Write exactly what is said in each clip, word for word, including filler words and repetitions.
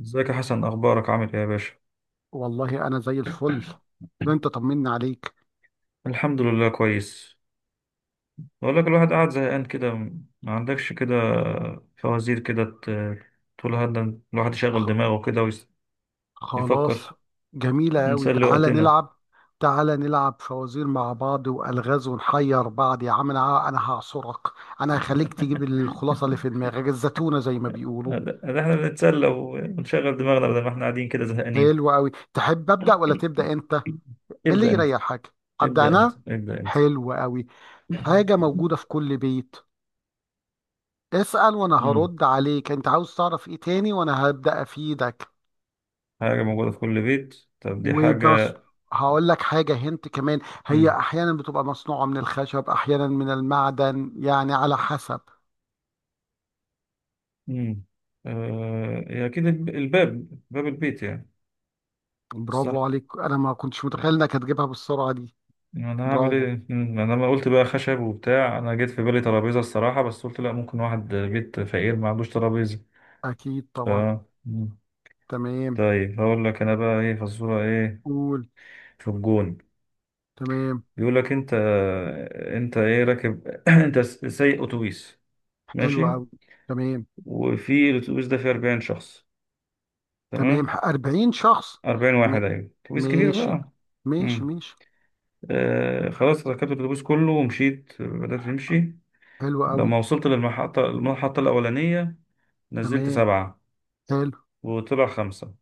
ازيك يا حسن؟ اخبارك؟ عامل ايه يا باشا؟ والله انا زي الفل. ده انت طمنا عليك. الحمد لله كويس. بقول لك، الواحد قاعد زهقان كده، ما عندكش كده فوازير كده ت- تقول هذا الواحد يشغل خ... دماغه كده خلاص. ويفكر. جميلة قوي، نسلي تعالى وقتنا. نلعب. تعالى نلعب فوازير مع بعض والغاز ونحير بعض، يا عم، انا انا هعصرك. انا هخليك تجيب الخلاصة اللي في دماغك الزتونة زي ما بيقولوا. ده ده احنا بنتسلى ونشغل دماغنا بدل ما احنا قاعدين كده زهقانين. حلو قوي، تحب ابدا ولا تبدا انت، إيه؟ اللي ابدأ انت، يريحك. ابدا ابدأ انت، انا. ابدأ انت. حلو قوي. حاجة موجودة في كل بيت. اسأل وانا مم. هرد عليك. انت عاوز تعرف ايه تاني وانا هبدا افيدك. حاجة موجودة في كل بيت. طب دي وبنص. حاجة. هقول لك حاجة هنت كمان. هي أحيانا بتبقى مصنوعة من الخشب، أحيانا من المعدن، يعني على حسب. امم آه، هي اكيد الب- الباب، باب البيت يعني. صح. برافو عليك، أنا ما كنتش متخيل إنك هتجيبها بالسرعة دي. انا هعمل برافو. ايه؟ مم، انا لما قلت بقى خشب وبتاع انا جيت في بالي ترابيزه الصراحه، بس قلت لا، ممكن واحد بيت فقير ما عندوش ترابيزه. أكيد ف طبعا. مم. تمام. طيب هقول لك انا بقى ايه فزوره ايه؟ قول. في الجون. تمام. بيقول لك انت انت ايه راكب؟ انت س- سايق اتوبيس، حلو ماشي. أوي. تمام. وفي الاتوبيس ده فيه اربعين شخص، تمام تمام. اربعين شخص. اربعين م... واحد، ايوه اتوبيس كبير ماشي. بقى. ماشي ماشي. آه خلاص، ركبت الاتوبيس كله ومشيت، بدأت أمشي. حلو أوي. لما وصلت للمحطة، المحطة الأولانية، نزلت تمام. سبعة حلو، وطلع خمسة.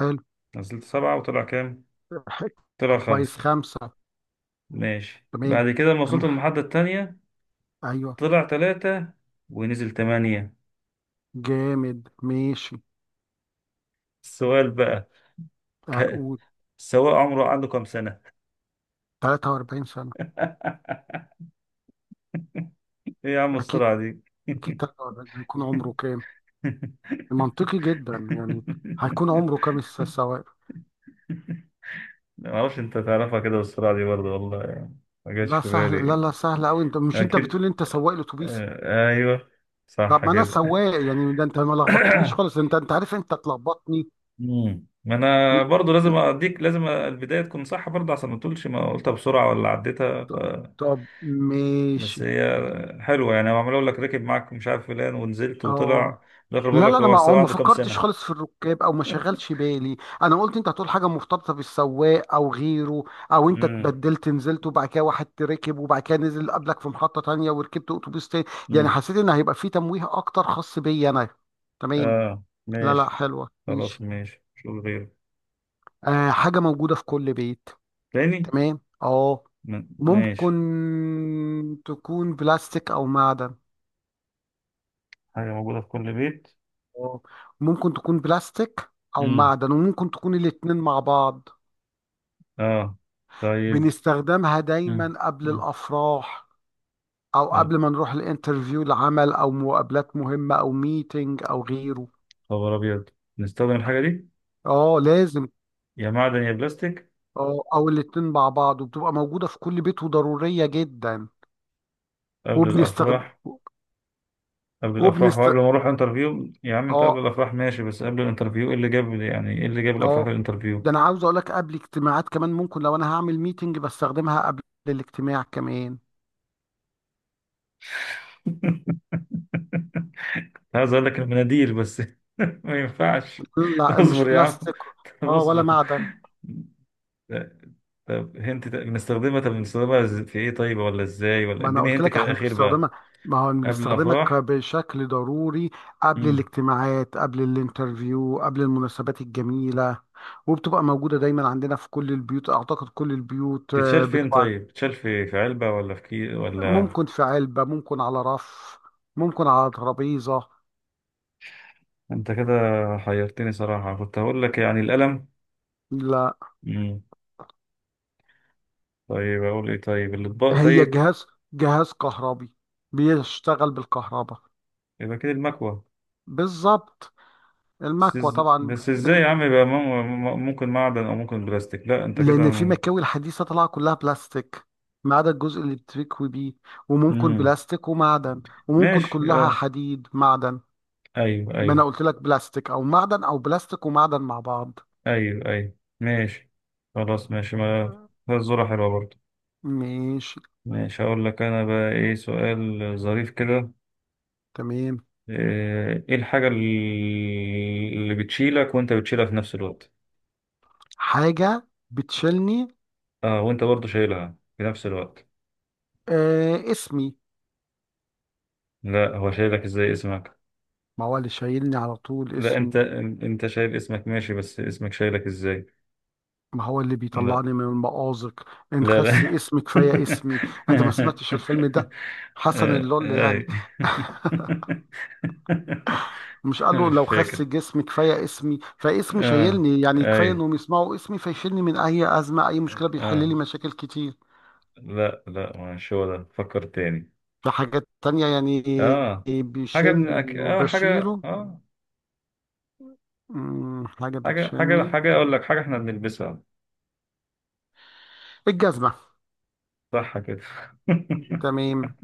حلو. نزلت سبعة وطلع كام؟ ح- طلع كويس خمسة. خمسة. ماشي، تمام، بعد كده لما وصلت تمام، للمحطة التانية، أيوه، طلع تلاتة ونزل تمانية. جامد، ماشي. السؤال بقى، ك... أقول السواق عمره، عنده كام سنة؟ تلاتة واربعين سنة. إيه يا عم أكيد، السرعة دي؟ أكيد تلاتة واربعين هيكون عمره كام؟ منطقي جدا يعني. هيكون عمره كام، الس- السواق؟ ما اعرفش، انت تعرفها كده بالسرعه دي برضه والله يعني، ما جاتش لا في سهل، لا بالي. لا سهل أوي، أنت مش أنت اكيد، بتقول أنت سواق الأتوبيس؟ آه، ايوه، طب صح ما أنا كده. سواق يعني، ده أنت ما لخبطتنيش خالص، أنت أنت عارف أنت تلخبطني. مم. ما انا ل- برضه لازم ل- اديك، لازم البدايه تكون صح برضه عشان ما تقولش ما قلتها بسرعه ولا عديتها. ف... ط- طب بس ماشي. هي حلوه يعني، هو عمال اقول لك ركب معاك مش عارف فلان ونزلت أه. وطلع، في الاخر بقول لا لك لا، انا هو ما السواق ما عنده كام فكرتش سنه. خالص في الركاب او ما شغلش بالي، انا قلت انت هتقول حاجه مرتبطه بالسواق او غيره. او انت امم اتبدلت نزلت وبعد كده واحد ركب وبعد كده نزل قبلك في محطه تانية وركبت اتوبيس تاني. يعني امم حسيت ان هيبقى في تمويه اكتر خاص بيا انا. تمام. اه لا لا، ماشي. حلوه خلاص ماشي. ماشي شوف غيره. آه، حاجه موجوده في كل بيت. تاني. تمام، اه. م- ممكن ماشي. تكون بلاستيك او معدن. حاجه موجوده في كل بيت. اه، ممكن تكون بلاستيك او امم معدن، وممكن تكون الاتنين مع بعض. اه طيب. بنستخدمها مم. دايما قبل مم. الأفراح. أو يا قبل ما نروح الانترفيو العمل، أو مقابلات مهمة، أو ميتنج، أو غيره. خبر ابيض، نستخدم الحاجه دي، اه، لازم. يا معدن يا بلاستيك، اه، أو الاتنين مع بعض، وبتبقى موجودة في كل بيت وضرورية جدا. قبل وبنستخدم الافراح؟ قبل الافراح وبنست وقبل ما اروح انترفيو؟ يا عم انت قبل اه الافراح ماشي، بس قبل الانترفيو ايه اللي جاب، يعني ايه اللي جاب الافراح اه للانترفيو؟ ده أنا عاوز أقول لك قبل اجتماعات كمان، ممكن لو أنا هعمل ميتنج بستخدمها قبل الاجتماع كمان. عايز اقول لك المناديل بس ما ينفعش. لا، مش اصبر يا عم، بلاستيك. طب اه، ولا اصبر. معدن. لا، طب هنت، بنستخدمها، طب بنستخدمها إز- في ايه طيب ولا ازاي، ولا ما انا اديني قلت هنت لك كده احنا اخير بقى. بنستخدمها. ما هو قبل بنستخدمها ك- الافراح. بشكل ضروري. قبل مم. الاجتماعات، قبل الانترفيو، قبل المناسبات الجميلة. وبتبقى موجودة دايما عندنا في كل البيوت، اعتقد كل البيوت تتشال آه، فين بتبقى. طيب؟ تتشال في في علبة ولا في كي ولا ممكن في علبة، ممكن على رف، ممكن على ترابيزة. انت كده حيرتني صراحة، كنت هقول لك يعني القلم. لا، مم. طيب اقول ايه؟ طيب الاطباق هي طيب. جهاز جهاز كهربي بيشتغل بالكهرباء. يبقى كده المكوة. بالظبط، بس المكوة إز- طبعا. بس ازاي يا عم؟ يبقى مم- مم- ممكن معدن او ممكن بلاستيك، لا انت كده لان في م- مكاوي الحديثه طالعه كلها بلاستيك، ما عدا الجزء اللي بتكوي بيه. وممكن مم. بلاستيك ومعدن. وممكن ماشي كلها اه. حديد معدن. ايوه ما انا ايوه، قلت لك بلاستيك او معدن او بلاستيك ومعدن مع بعض. ايوه ايوه، ماشي. خلاص ماشي، ما مم. الزورة حلوة برضه. ماشي. ماشي، هقول لك انا بقى ايه؟ سؤال ظريف كده. تمام. آه، ايه الحاجة اللي بتشيلك وانت بتشيلها في نفس الوقت؟ حاجه بتشيلني؟ اه وانت برضه شايلها في نفس الوقت. آه، اسمي. لا، هو شايلك ازاي اسمك؟ ما هو اللي شايلني على طول لا اسمي. انت انت شايل اسمك ماشي، بس اسمك شايلك ازاي؟ ما هو اللي لا بيطلعني من المأزق. ان لا خس لا. اسمي كفايه اسمي. انت ما سمعتش الفيلم ده؟ حسن آه، اللول آي. يعني. مش قال له مش لو خس فاكر. جسمي كفايه اسمي؟ فاسمي اه، شايلني، يعني كفايه اي، انهم يسمعوا اسمي فيشيلني من اي ازمه، اي مشكله بيحل اه. لي مشاكل كتير. لا لا، مش هو ده، فكر تاني. في حاجات تانية يعني. اه، حاجة من أك... بيشيلني اه حاجة، وبشيله. اه. أمم، حاجه حاجة حاجة بتشيلني. حاجة أقول لك، حاجة إحنا بنلبسها. الجزمه. صح كده. تمام.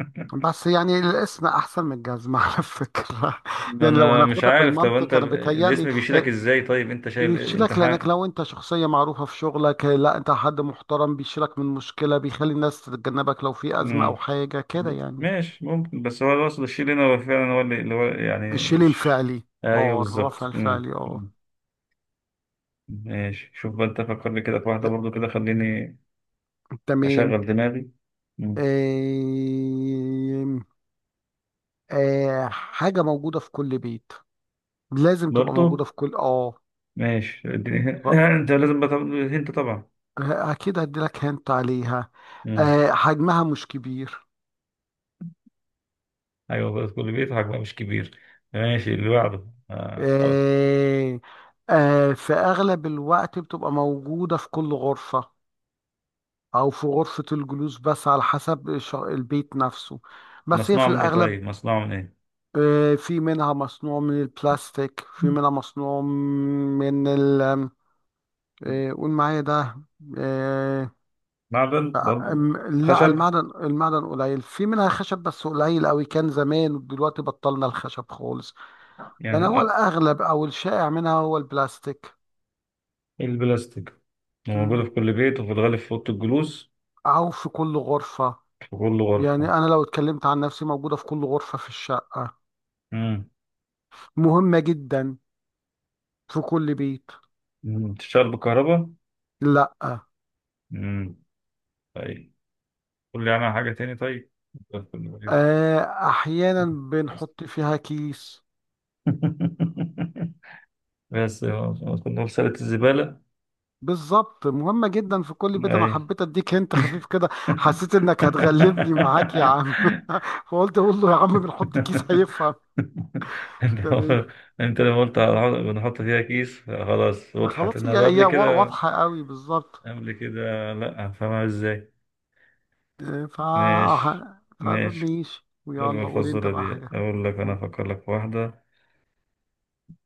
بس يعني الاسم احسن من الجزمه على فكره. ما يعني لو أنا مش هناخدها عارف، طب أنت بالمنطق، انا ب- بتهيألي الاسم بيشيلك إزاي طيب؟ أنت شايل، أنت يشيلك لانك حاجة. لو انت شخصيه معروفه في شغلك، لا، انت حد محترم بيشيلك من مشكله، بيخلي الناس تتجنبك لو في ازمه او مم. حاجه كده ب- يعني. ماشي، ممكن، بس هو الأصل الشيل هنا، هو فعلا هو اللي اللي هو الشيل يعني ش... الفعلي، أيوه اه، الرفع بالظبط. مم. الفعلي، اه. مم. ماشي شوف بقى، أنت فكر لي كده في واحدة برضو كده خليني تمام. أشغل دماغي. مم. آم، آه، حاجه موجوده في كل بيت. لازم تبقى برضو موجوده في كل اه ماشي، اديني هن- غ- أنت لازم بقى تاخد هنت طبعا. اكيد هديلك هنت عليها. مم. آه، حجمها مش كبير. ايوه، بس كله بيضحك بقى مش كبير. ماشي اللي بعده. آه. خلاص. آه. آه، في اغلب الوقت بتبقى موجوده في كل غرفه. أو في غرفة الجلوس، بس على حسب الش- البيت نفسه. بس هي في مصنوع من ايه الأغلب. طيب؟ مصنوع من ايه؟ آه، في منها مصنوع من البلاستيك، في منها مصنوع من ال. آه، قول معايا ده. آه، معدن برضه؟ أم- لا، خشب المعدن المعدن قليل، في منها خشب بس قليل قوي، كان زمان، ودلوقتي بطلنا الخشب خالص. يعني؟ يعني هو آه. الأغلب أو الشائع منها هو البلاستيك. البلاستيك. موجودة مم. في كل بيت وفي الغالب في أوضة الجلوس؟ أو في كل غرفة. في كل يعني غرفة؟ أنا لو اتكلمت عن نفسي، موجودة في كل غرفة في الشقة. امم مهمة جدا في كل بيت. أمم. بتشتغل بالكهرباء؟ لا. امم طيب، قول لي عنها حاجة تاني طيب. في كل بيت. آه، احيانا بس. بنحط فيها كيس. بس آه، كنا نقول سلة الزبالة. بالظبط، مهمة جدا في كل بيت، انا أي. حبيت اديك، انت خفيف كده، حسيت انك هتغلبني معاك يا عم. فقلت اقول له يا عم بنحط كيس هيفهم. انت تمام. انت لما قلت هنحط- بنحط فيها كيس، خلاص وضحت، خلاص، هي انما قبل هي وا- كده، واضحة قوي بالظبط. قبل كده لا هفهمها ازاي. آه، ف ماشي. ماشي. فماشي، حلوة ويلا قول انت الفزورة بقى دي. حاجة. اقول لك انا قول. افكر لك في واحدة.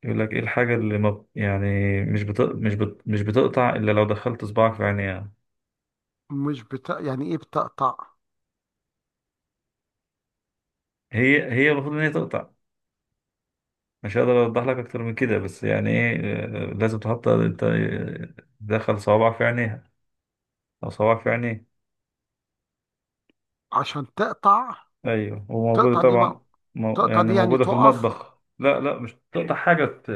يقول لك ايه الحاجة اللي، ما يعني، مش بت... مش بت... مش بتقطع الا لو دخلت صباعك في عينيها. مش بت... يعني ايه بتقطع؟ هي هي المفروض ان هي تقطع، مش هقدر اوضح لك اكتر من كده. بس يعني ايه؟ آه، لازم تحط انت، آه، تدخل صوابعك في عينيها او صوابعك في عينيك. عشان تقطع. ايوه وموجوده تقطع دي ما... طبعا. مو تقطع يعني دي يعني موجوده في تقف؟ المطبخ. لا لا، مش تقطع حاجه ت-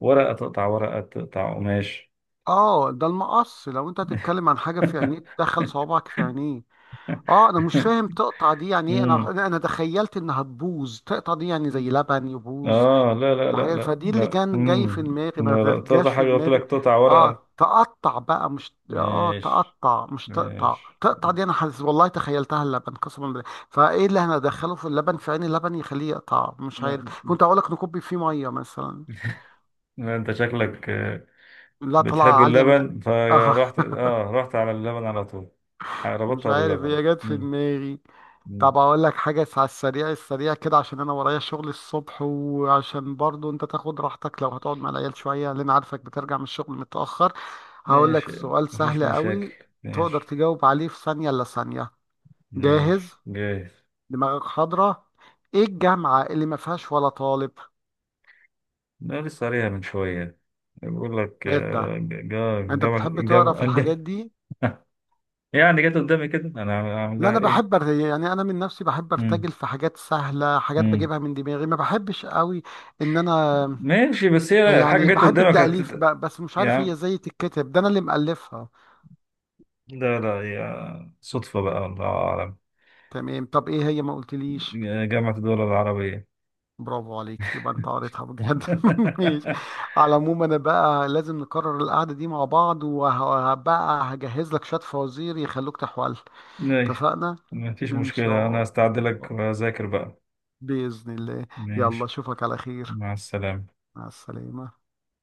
ورقه، تقطع ورقه، تقطع قماش. اه، ده المقص، لو انت هتتكلم عن حاجه في عينيه تدخل صوابعك في عينيه. اه، انا مش فاهم تقطع دي يعني ايه. انا امم انا أنا تخيلت انها تبوظ، تقطع دي يعني زي لبن يبوظ. اه، لا لا لا الحاجات لا فدي اللي لا. كان جاي في امم دماغي، ما لا لا، جاش تقطع في حاجه، قلت لك دماغي. تقطع اه، ورقه. تقطع بقى مش اه ماشي. تقطع، مش تقطع، ماشي. تقطع دي انا حاسس والله تخيلتها اللبن، قسما بالله. فايه اللي هندخله في اللبن في عين اللبن يخليه يقطع، مش لا عارف، كنت اقول لك نكب فيه ميه مثلا. لا، انت شكلك آه، لا، بتحب طلع عاليه من- اللبن، اه. فرحت اه رحت على اللبن على طول، مش ربطها عارف، باللبن. هي جت في امم دماغي. طب اقول لك حاجه على السريع السريع كده، عشان انا ورايا شغل الصبح، وعشان برضو انت تاخد راحتك لو هتقعد مع العيال شويه، لان عارفك بترجع من الشغل متاخر. هقول لك ماشي، سؤال مفيش سهل مشاكل. قوي. تقدر ماشي، تجاوب عليه في ثانيه الا ثانيه. ماشي جاهز؟ جاهز. دماغك حاضره؟ ايه الجامعه اللي ما فيهاش ولا طالب؟ ده لسه قاريها من شوية، بيقول لك ايه ده؟ آه، جا، انت جا بتحب تقرا جا في عندي. الحاجات دي؟ يعني جت قدامي كده، أنا عامل- لا، عاملها انا بحب إيه؟ أر- يعني انا من نفسي بحب مم. ارتجل في حاجات سهله، حاجات مم. بجيبها من دماغي، ما بحبش قوي. ان انا، ماشي، بس هي الحاجة يعني جت بحب قدامك التأليف هتت... بقى، بس مش عارف هي يا، ازاي تتكتب، ده انا اللي مألفها. لا لا يا صدفة بقى، الله أعلم. تمام، طب ايه هي، ما قلتليش. جامعة الدول العربية. برافو عليك، يبقى انت قريتها بجد. ماشي. على العموم، انا بقى لازم نكرر القعدة دي مع بعض، وهبقى هجهز لك شوية فوازير يخلوك تحول. ماشي، اتفقنا. مفيش ان مشكلة، شاء أنا هستعد لك الله. وأذاكر بقى. بإذن الله. يلا ماشي. اشوفك على خير. مع السلامة. مع السلامة.